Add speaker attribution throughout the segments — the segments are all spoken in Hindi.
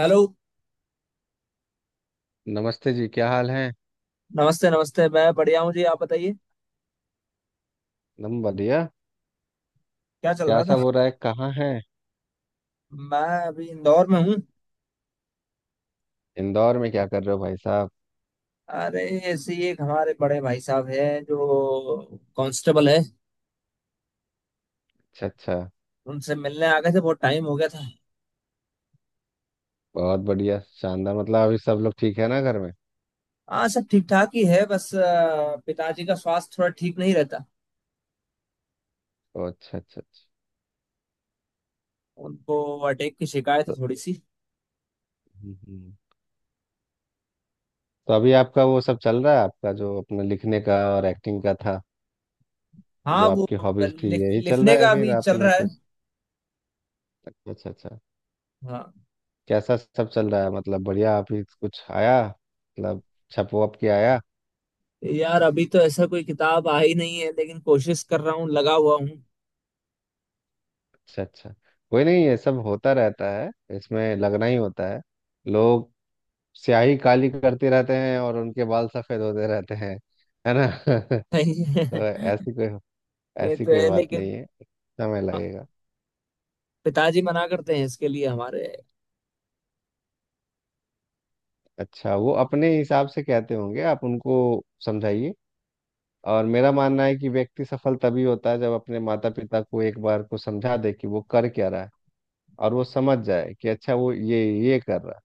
Speaker 1: हेलो।
Speaker 2: नमस्ते जी। क्या हाल है?
Speaker 1: नमस्ते नमस्ते, मैं बढ़िया हूँ जी, आप बताइए।
Speaker 2: एकदम बढ़िया।
Speaker 1: क्या चल
Speaker 2: क्या
Speaker 1: रहा
Speaker 2: सब
Speaker 1: था।
Speaker 2: हो रहा है, कहाँ है?
Speaker 1: मैं अभी इंदौर में हूँ।
Speaker 2: इंदौर में क्या कर रहे हो भाई साहब?
Speaker 1: अरे, ऐसे ही एक हमारे बड़े भाई साहब हैं जो कांस्टेबल है।
Speaker 2: अच्छा अच्छा।
Speaker 1: उनसे मिलने आ गए थे, बहुत टाइम हो गया था।
Speaker 2: बहुत बढ़िया, शानदार। मतलब अभी सब लोग ठीक है ना घर में?
Speaker 1: हाँ, सब ठीक ठाक ही है, बस पिताजी का स्वास्थ्य थोड़ा ठीक नहीं रहता।
Speaker 2: अच्छा अच्छा अच्छा।
Speaker 1: उनको अटैक की शिकायत है
Speaker 2: तो,
Speaker 1: थोड़ी सी।
Speaker 2: हम्म, हम्म। तो अभी आपका वो सब चल रहा है, आपका जो अपने लिखने का और एक्टिंग का था, जो
Speaker 1: हाँ वो
Speaker 2: आपकी हॉबीज थी,
Speaker 1: लिख,
Speaker 2: यही चल रहा
Speaker 1: लिखने का
Speaker 2: है, फिर
Speaker 1: अभी चल
Speaker 2: आपने
Speaker 1: रहा है।
Speaker 2: कुछ। अच्छा अच्छा अच्छा।
Speaker 1: हाँ।
Speaker 2: कैसा सब चल रहा है? मतलब बढ़िया। अभी कुछ आया मतलब, छपो अब के आया?
Speaker 1: यार अभी तो ऐसा कोई किताब आई नहीं है, लेकिन कोशिश कर रहा हूँ, लगा हुआ हूँ।
Speaker 2: अच्छा अच्छा। कोई नहीं, ये सब होता रहता है, इसमें लगना ही होता है। लोग स्याही काली करते रहते हैं और उनके बाल सफेद होते रहते हैं, है ना? तो ऐसी कोई,
Speaker 1: ये
Speaker 2: ऐसी
Speaker 1: तो
Speaker 2: कोई
Speaker 1: है,
Speaker 2: बात नहीं
Speaker 1: लेकिन
Speaker 2: है, समय लगेगा।
Speaker 1: पिताजी मना करते हैं इसके लिए हमारे।
Speaker 2: अच्छा, वो अपने हिसाब से कहते होंगे, आप उनको समझाइए। और मेरा मानना है कि व्यक्ति सफल तभी होता है जब अपने माता पिता को एक बार को समझा दे कि वो कर क्या रहा है, और वो समझ जाए कि अच्छा वो ये कर रहा है,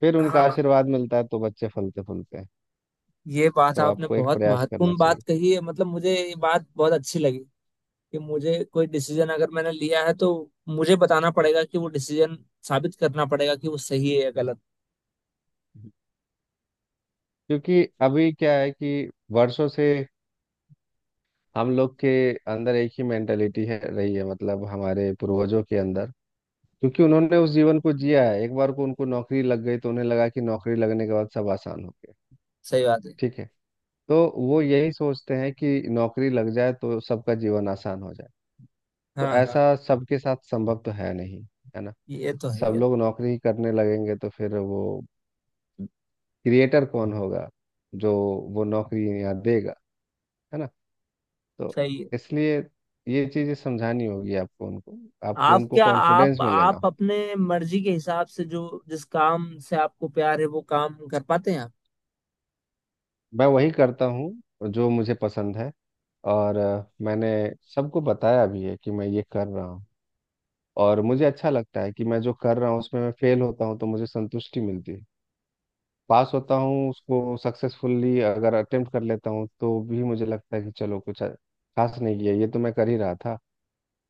Speaker 2: फिर उनका
Speaker 1: हाँ,
Speaker 2: आशीर्वाद मिलता है तो बच्चे फलते फूलते हैं।
Speaker 1: ये बात
Speaker 2: तो
Speaker 1: आपने
Speaker 2: आपको एक
Speaker 1: बहुत
Speaker 2: प्रयास करना
Speaker 1: महत्वपूर्ण बात
Speaker 2: चाहिए।
Speaker 1: कही है, मतलब मुझे ये बात बहुत अच्छी लगी। कि मुझे कोई डिसीजन अगर मैंने लिया है तो मुझे बताना पड़ेगा कि वो डिसीजन साबित करना पड़ेगा कि वो सही है या गलत।
Speaker 2: क्योंकि अभी क्या है कि वर्षों से हम लोग के अंदर एक ही मेंटेलिटी है, रही है, मतलब हमारे पूर्वजों के अंदर, क्योंकि उन्होंने उस जीवन को जिया है, एक बार को उनको नौकरी लग गई तो उन्हें लगा कि नौकरी लगने के बाद सब आसान हो गया।
Speaker 1: सही बात है।
Speaker 2: ठीक है। तो वो यही सोचते हैं कि नौकरी लग जाए तो सबका जीवन आसान हो जाए। तो
Speaker 1: हाँ हाँ,
Speaker 2: ऐसा सबके साथ संभव तो है नहीं, है ना?
Speaker 1: ये तो है
Speaker 2: सब
Speaker 1: ये।
Speaker 2: लोग नौकरी ही करने लगेंगे तो फिर वो क्रिएटर कौन होगा जो वो नौकरी यहाँ देगा, है ना? तो
Speaker 1: सही है।
Speaker 2: इसलिए ये चीज़ें समझानी होगी आपको उनको, आपको
Speaker 1: आप
Speaker 2: उनको
Speaker 1: क्या, आप
Speaker 2: कॉन्फिडेंस में लेना
Speaker 1: आप
Speaker 2: हो।
Speaker 1: अपने मर्जी के हिसाब से, जो जिस काम से आपको प्यार है वो काम कर पाते हैं आप?
Speaker 2: मैं वही करता हूँ जो मुझे पसंद है। और मैंने सबको बताया भी है कि मैं ये कर रहा हूँ। और मुझे अच्छा लगता है कि मैं जो कर रहा हूँ उसमें मैं फेल होता हूँ तो मुझे संतुष्टि मिलती है। पास होता हूँ, उसको सक्सेसफुली अगर अटेम्प्ट कर लेता हूँ तो भी मुझे लगता है कि चलो कुछ अच्छा खास नहीं किया, ये तो मैं कर ही रहा था।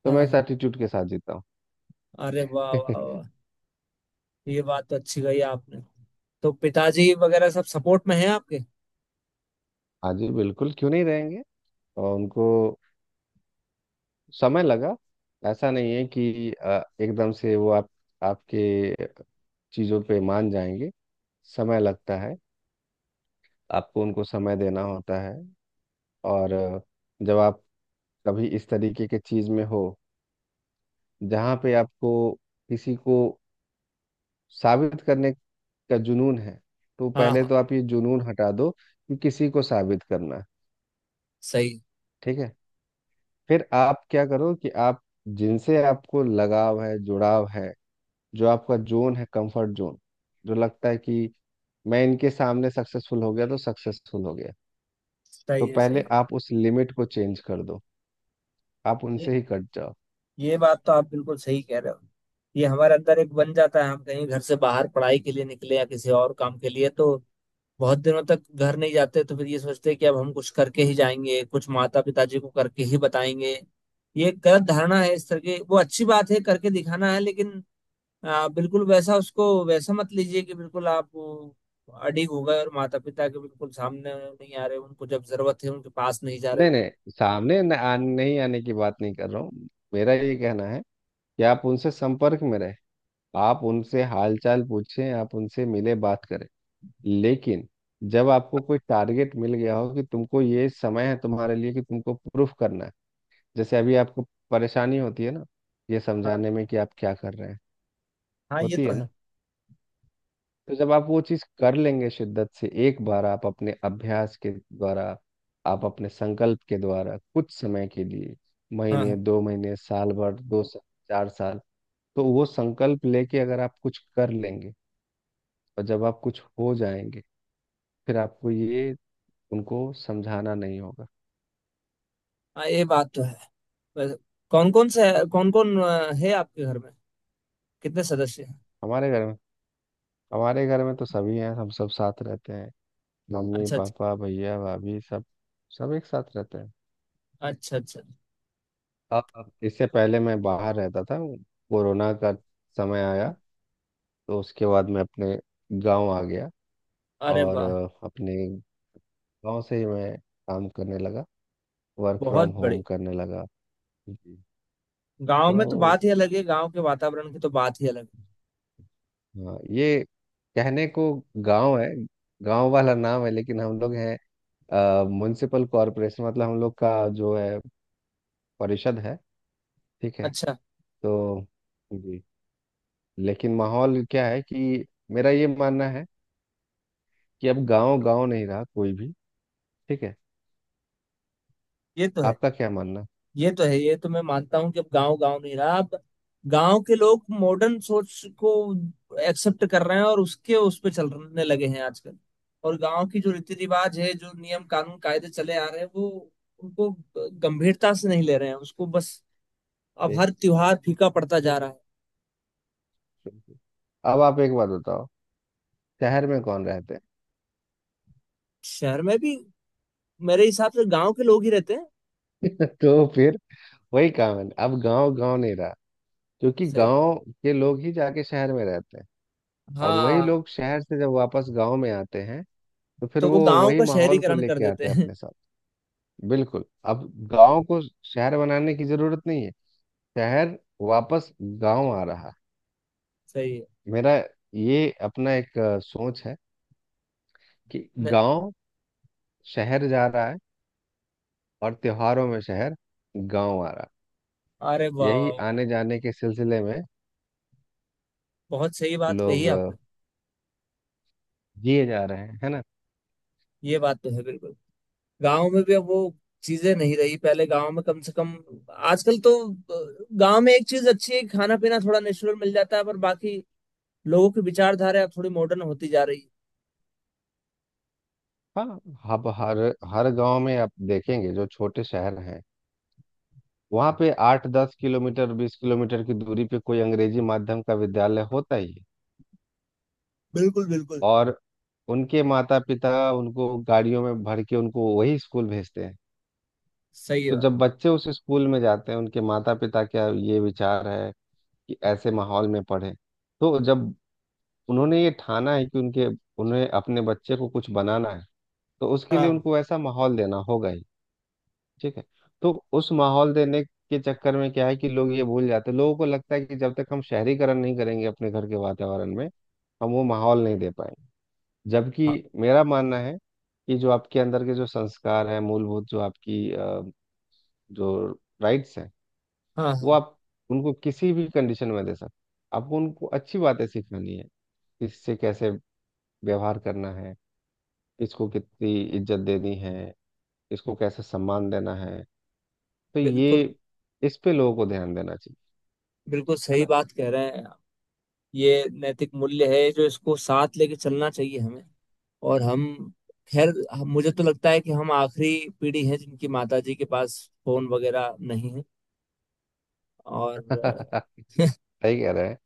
Speaker 2: तो
Speaker 1: हाँ
Speaker 2: मैं इस
Speaker 1: हाँ।
Speaker 2: एटीट्यूड के साथ जीता हूँ।
Speaker 1: अरे वाह वाह वाह, ये बात तो अच्छी कही आपने। तो पिताजी वगैरह सब सपोर्ट में हैं आपके?
Speaker 2: हाँ जी बिल्कुल, क्यों नहीं रहेंगे। और उनको समय लगा। ऐसा नहीं है कि एकदम से वो आप, आपके चीज़ों पे मान जाएंगे। समय लगता है, आपको उनको समय देना होता है। और जब आप कभी इस तरीके के चीज़ में हो, जहाँ पे आपको किसी को साबित करने का जुनून है, तो
Speaker 1: हाँ
Speaker 2: पहले
Speaker 1: हाँ।
Speaker 2: तो आप ये जुनून हटा दो कि किसी को साबित करना है।
Speaker 1: सही।
Speaker 2: ठीक है। फिर आप क्या करो कि आप जिनसे आपको लगाव है, जुड़ाव है, जो आपका जोन है, कंफर्ट जोन, जो लगता है कि मैं इनके सामने सक्सेसफुल हो गया तो सक्सेसफुल हो गया, तो
Speaker 1: सही है।
Speaker 2: पहले
Speaker 1: सही।
Speaker 2: आप उस लिमिट को चेंज कर दो, आप
Speaker 1: ये
Speaker 2: उनसे ही कट जाओ।
Speaker 1: ये बात तो आप बिल्कुल सही कह रहे हो। ये हमारे अंदर एक बन जाता है, हम कहीं घर से बाहर पढ़ाई के लिए निकले या किसी और काम के लिए, तो बहुत दिनों तक घर नहीं जाते, तो फिर ये सोचते हैं कि अब हम कुछ करके ही जाएंगे, कुछ माता पिताजी को करके ही बताएंगे। ये एक गलत धारणा है इस तरह की। वो अच्छी बात है करके दिखाना है, लेकिन बिल्कुल वैसा, उसको वैसा मत लीजिए कि बिल्कुल आप वो, अडीग हो गए और माता पिता के बिल्कुल सामने नहीं आ रहे, उनको जब जरूरत है उनके पास नहीं जा रहे
Speaker 2: नहीं
Speaker 1: हो।
Speaker 2: नहीं, सामने न, आ, नहीं आने की बात नहीं कर रहा हूँ। मेरा ये कहना है कि आप उनसे संपर्क में रहें, आप उनसे हालचाल पूछें, आप उनसे मिले, बात करें। लेकिन जब आपको कोई टारगेट मिल गया हो कि तुमको ये समय है तुम्हारे लिए, कि तुमको प्रूफ करना है। जैसे अभी आपको परेशानी होती है ना, ये
Speaker 1: हाँ।
Speaker 2: समझाने में कि आप क्या कर रहे हैं,
Speaker 1: हाँ, ये
Speaker 2: होती
Speaker 1: तो
Speaker 2: है
Speaker 1: है।
Speaker 2: ना? तो जब आप वो चीज़ कर लेंगे शिद्दत से, एक बार आप अपने अभ्यास के द्वारा, आप अपने संकल्प के द्वारा, कुछ समय के लिए,
Speaker 1: हाँ
Speaker 2: महीने,
Speaker 1: हाँ।
Speaker 2: 2 महीने, साल भर, 2 साल, 4 साल, तो वो संकल्प लेके अगर आप कुछ कर लेंगे और जब आप कुछ हो जाएंगे, फिर आपको ये उनको समझाना नहीं होगा।
Speaker 1: हाँ, ये बात तो है। वैसे कौन कौन से कौन कौन है आपके घर में, कितने सदस्य हैं?
Speaker 2: हमारे घर में, हमारे घर में तो सभी हैं, हम सब साथ रहते हैं। मम्मी
Speaker 1: अच्छा अच्छा।
Speaker 2: पापा भैया भाभी सब, सब एक साथ रहते हैं।
Speaker 1: अच्छा अच्छा।
Speaker 2: अब इससे पहले मैं बाहर रहता था, कोरोना का समय आया तो उसके बाद मैं अपने गांव आ गया।
Speaker 1: अरे
Speaker 2: और
Speaker 1: वाह।
Speaker 2: अपने गांव से ही मैं काम करने लगा, वर्क
Speaker 1: बहुत
Speaker 2: फ्रॉम होम
Speaker 1: बड़े।
Speaker 2: करने लगा। जी।
Speaker 1: गांव में तो
Speaker 2: तो
Speaker 1: बात ही अलग है, गांव के वातावरण की तो बात ही अलग है।
Speaker 2: हाँ, ये कहने को गांव है, गांव वाला नाम है, लेकिन हम लोग हैं म्युनिसिपल कॉरपोरेशन। मतलब हम लोग का जो है, परिषद है। ठीक है।
Speaker 1: अच्छा।
Speaker 2: तो जी, लेकिन माहौल क्या है कि मेरा ये मानना है कि अब गांव गांव नहीं रहा कोई भी। ठीक है।
Speaker 1: ये तो है।
Speaker 2: आपका क्या मानना?
Speaker 1: ये तो है, ये तो मैं मानता हूँ कि अब गांव गांव नहीं रहा। अब गांव के लोग मॉडर्न सोच को एक्सेप्ट कर रहे हैं और उसके उस पे चलने लगे हैं आजकल। और गांव की जो रीति रिवाज है, जो नियम कानून कायदे चले आ रहे हैं, वो उनको गंभीरता से नहीं ले रहे हैं उसको बस। अब
Speaker 2: ठीक,
Speaker 1: हर त्योहार फीका पड़ता जा
Speaker 2: ठीक,
Speaker 1: रहा है।
Speaker 2: ठीक, ठीक। अब आप एक बात बताओ, शहर में कौन रहते
Speaker 1: शहर में भी मेरे हिसाब से गांव के लोग ही रहते हैं।
Speaker 2: हैं? तो फिर वही काम है, अब गांव गांव नहीं रहा, क्योंकि
Speaker 1: सही।
Speaker 2: गांव के लोग ही जाके शहर में रहते हैं। और वही
Speaker 1: हाँ।
Speaker 2: लोग शहर से जब वापस गांव में आते हैं तो फिर
Speaker 1: तो वो
Speaker 2: वो
Speaker 1: गांव
Speaker 2: वही
Speaker 1: का
Speaker 2: माहौल को
Speaker 1: शहरीकरण कर
Speaker 2: लेके
Speaker 1: देते
Speaker 2: आते हैं
Speaker 1: हैं।
Speaker 2: अपने साथ। बिल्कुल, अब गांव को शहर बनाने की जरूरत नहीं है, शहर वापस गांव आ रहा है।
Speaker 1: सही है।
Speaker 2: मेरा ये अपना एक सोच है कि
Speaker 1: न-
Speaker 2: गांव शहर जा रहा है और त्योहारों में शहर गांव आ रहा है।
Speaker 1: अरे वाह वाह
Speaker 2: यही
Speaker 1: वाह,
Speaker 2: आने जाने के सिलसिले में
Speaker 1: बहुत सही बात कही
Speaker 2: लोग
Speaker 1: है आपने।
Speaker 2: जिए जा रहे हैं, है ना?
Speaker 1: ये बात तो है बिल्कुल। गांव में भी अब वो चीजें नहीं रही, पहले गांव में कम से कम। आजकल तो गांव में एक चीज अच्छी है, खाना पीना थोड़ा नेचुरल मिल जाता है, पर बाकी लोगों की विचारधारा अब थोड़ी मॉडर्न होती जा रही है।
Speaker 2: हाँ, अब हर हर गांव में आप देखेंगे, जो छोटे शहर हैं वहाँ पे 8-10 किलोमीटर, 20 किलोमीटर की दूरी पे कोई अंग्रेजी माध्यम का विद्यालय होता ही है।
Speaker 1: बिल्कुल बिल्कुल।
Speaker 2: और उनके माता पिता उनको गाड़ियों में भर के उनको वही स्कूल भेजते हैं।
Speaker 1: सही है
Speaker 2: तो
Speaker 1: बात।
Speaker 2: जब बच्चे उस स्कूल में जाते हैं, उनके माता पिता का ये विचार है कि ऐसे माहौल में पढ़े। तो जब उन्होंने ये ठाना है कि उनके, उन्हें अपने बच्चे को कुछ बनाना है, तो उसके लिए
Speaker 1: हाँ
Speaker 2: उनको ऐसा माहौल देना होगा ही। ठीक है। तो उस माहौल देने के चक्कर में क्या है कि लोग ये भूल जाते हैं, लोगों को लगता है कि जब तक हम शहरीकरण नहीं करेंगे अपने घर के वातावरण में, हम वो माहौल नहीं दे पाएंगे। जबकि
Speaker 1: हाँ।
Speaker 2: मेरा मानना है कि जो आपके अंदर के जो संस्कार हैं, मूलभूत, जो आपकी जो राइट्स हैं,
Speaker 1: हाँ
Speaker 2: वो
Speaker 1: हाँ।
Speaker 2: आप उनको किसी भी कंडीशन में दे सकते। आपको उनको अच्छी बातें सिखानी है, इससे कैसे व्यवहार करना है, इसको कितनी इज्जत देनी है, इसको कैसे सम्मान देना है। तो
Speaker 1: बिल्कुल।
Speaker 2: ये, इस पे लोगों को ध्यान देना चाहिए,
Speaker 1: बिल्कुल
Speaker 2: है
Speaker 1: सही
Speaker 2: ना?
Speaker 1: बात कह रहे हैं आप। ये नैतिक मूल्य है जो इसको साथ लेके चलना चाहिए हमें। और हम, खैर मुझे तो लगता है कि हम आखिरी पीढ़ी है जिनकी माताजी के पास फोन वगैरह नहीं है। और
Speaker 2: सही कह रहे हैं।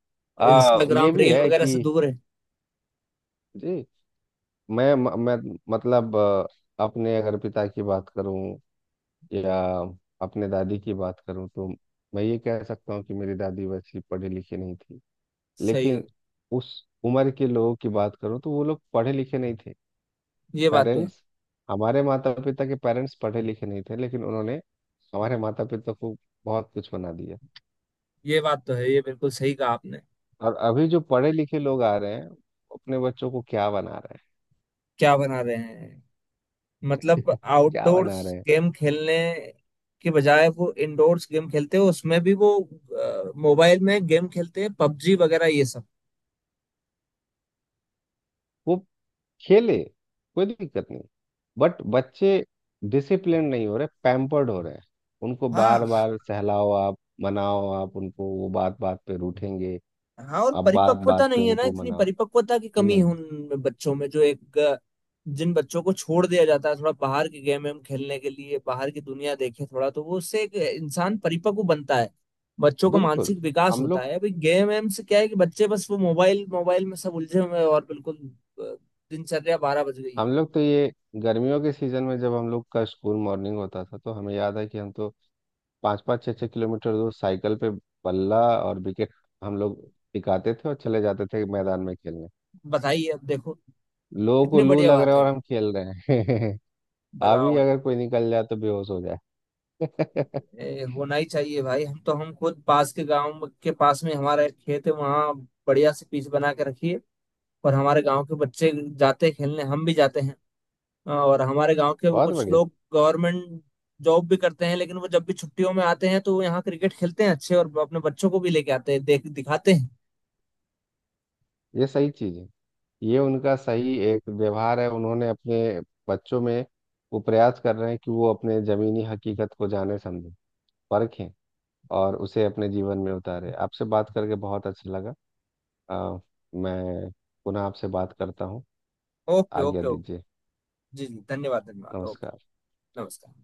Speaker 2: ये
Speaker 1: इंस्टाग्राम
Speaker 2: भी
Speaker 1: रील
Speaker 2: है
Speaker 1: वगैरह से
Speaker 2: कि
Speaker 1: दूर है।
Speaker 2: जी, मैं मतलब अपने अगर पिता की बात करूं या अपने दादी की बात करूं, तो मैं ये कह सकता हूँ कि मेरी दादी वैसी पढ़ी लिखी नहीं थी,
Speaker 1: सही है।
Speaker 2: लेकिन उस उम्र के लोगों की बात करूं तो वो लोग पढ़े लिखे नहीं थे।
Speaker 1: ये बात तो है।
Speaker 2: पेरेंट्स, हमारे माता पिता के पेरेंट्स पढ़े लिखे नहीं थे, लेकिन उन्होंने हमारे माता पिता को बहुत कुछ बना दिया।
Speaker 1: ये बात तो है, ये बिल्कुल सही कहा आपने।
Speaker 2: और अभी जो पढ़े लिखे लोग आ रहे हैं वो अपने बच्चों को क्या बना रहे
Speaker 1: क्या बना रहे हैं?
Speaker 2: हैं?
Speaker 1: मतलब
Speaker 2: क्या
Speaker 1: आउटडोर्स
Speaker 2: बना रहे हैं?
Speaker 1: गेम खेलने के बजाय वो इंडोर्स गेम खेलते हैं, उसमें भी वो मोबाइल में गेम खेलते हैं, पबजी वगैरह ये सब।
Speaker 2: वो खेले, कोई दिक्कत नहीं, बट बच्चे डिसिप्लिन नहीं हो रहे, पैम्पर्ड हो रहे हैं। उनको बार
Speaker 1: हाँ
Speaker 2: बार सहलाओ आप, मनाओ आप उनको, वो बात बात पे रूठेंगे।
Speaker 1: हाँ। और
Speaker 2: आप बात
Speaker 1: परिपक्वता
Speaker 2: बात पे
Speaker 1: नहीं है ना,
Speaker 2: उनको
Speaker 1: इतनी
Speaker 2: मनाओ
Speaker 1: परिपक्वता की कमी है
Speaker 2: नहीं।
Speaker 1: उन बच्चों में, जो एक जिन बच्चों को छोड़ दिया जाता है थोड़ा बाहर के गेम हम खेलने के लिए, बाहर की दुनिया देखे थोड़ा, तो वो उससे एक इंसान परिपक्व बनता है, बच्चों का
Speaker 2: बिल्कुल,
Speaker 1: मानसिक विकास
Speaker 2: हम
Speaker 1: होता
Speaker 2: लोग,
Speaker 1: है। अभी गेम वेम से क्या है कि बच्चे बस वो मोबाइल मोबाइल में सब उलझे हुए हैं और बिल्कुल अ, दिनचर्या बारह बज गई है।
Speaker 2: हम लोग तो ये गर्मियों के सीजन में जब हम लोग का स्कूल मॉर्निंग होता था तो हमें याद है कि हम तो पाँच पाँच छः छः किलोमीटर दूर साइकिल पे बल्ला और विकेट हम लोग टिकाते थे और चले जाते थे मैदान में खेलने।
Speaker 1: बताइए अब देखो,
Speaker 2: लोगों को
Speaker 1: कितनी
Speaker 2: लू
Speaker 1: बढ़िया
Speaker 2: लग
Speaker 1: बात
Speaker 2: रहा है
Speaker 1: है।
Speaker 2: और हम खेल रहे हैं। अभी
Speaker 1: बताओ।
Speaker 2: अगर कोई निकल जाए तो बेहोश हो जाए।
Speaker 1: होना ही चाहिए भाई। हम तो हम खुद, पास के गांव के पास में हमारा एक खेत है वहाँ बढ़िया से पिच बना के रखिए। और हमारे गांव के बच्चे जाते हैं खेलने, हम भी जाते हैं। और हमारे गांव के भी
Speaker 2: बहुत
Speaker 1: कुछ
Speaker 2: बढ़िया।
Speaker 1: लोग गवर्नमेंट जॉब भी करते हैं, लेकिन वो जब भी छुट्टियों में आते हैं तो वो यहाँ क्रिकेट खेलते हैं अच्छे, और अपने बच्चों को भी लेके आते हैं, देख दिखाते हैं।
Speaker 2: ये सही चीज है, ये उनका सही एक व्यवहार है, उन्होंने अपने बच्चों में वो प्रयास कर रहे हैं कि वो अपने जमीनी हकीकत को जाने, समझे, परखें और उसे अपने जीवन में उतारे। आपसे बात करके बहुत अच्छा लगा। अ, मैं पुनः आपसे बात करता हूँ।
Speaker 1: ओके
Speaker 2: आज्ञा
Speaker 1: ओके
Speaker 2: दीजिए।
Speaker 1: ओके। जी जी, धन्यवाद धन्यवाद,
Speaker 2: नमस्कार।
Speaker 1: ओके। नमस्कार।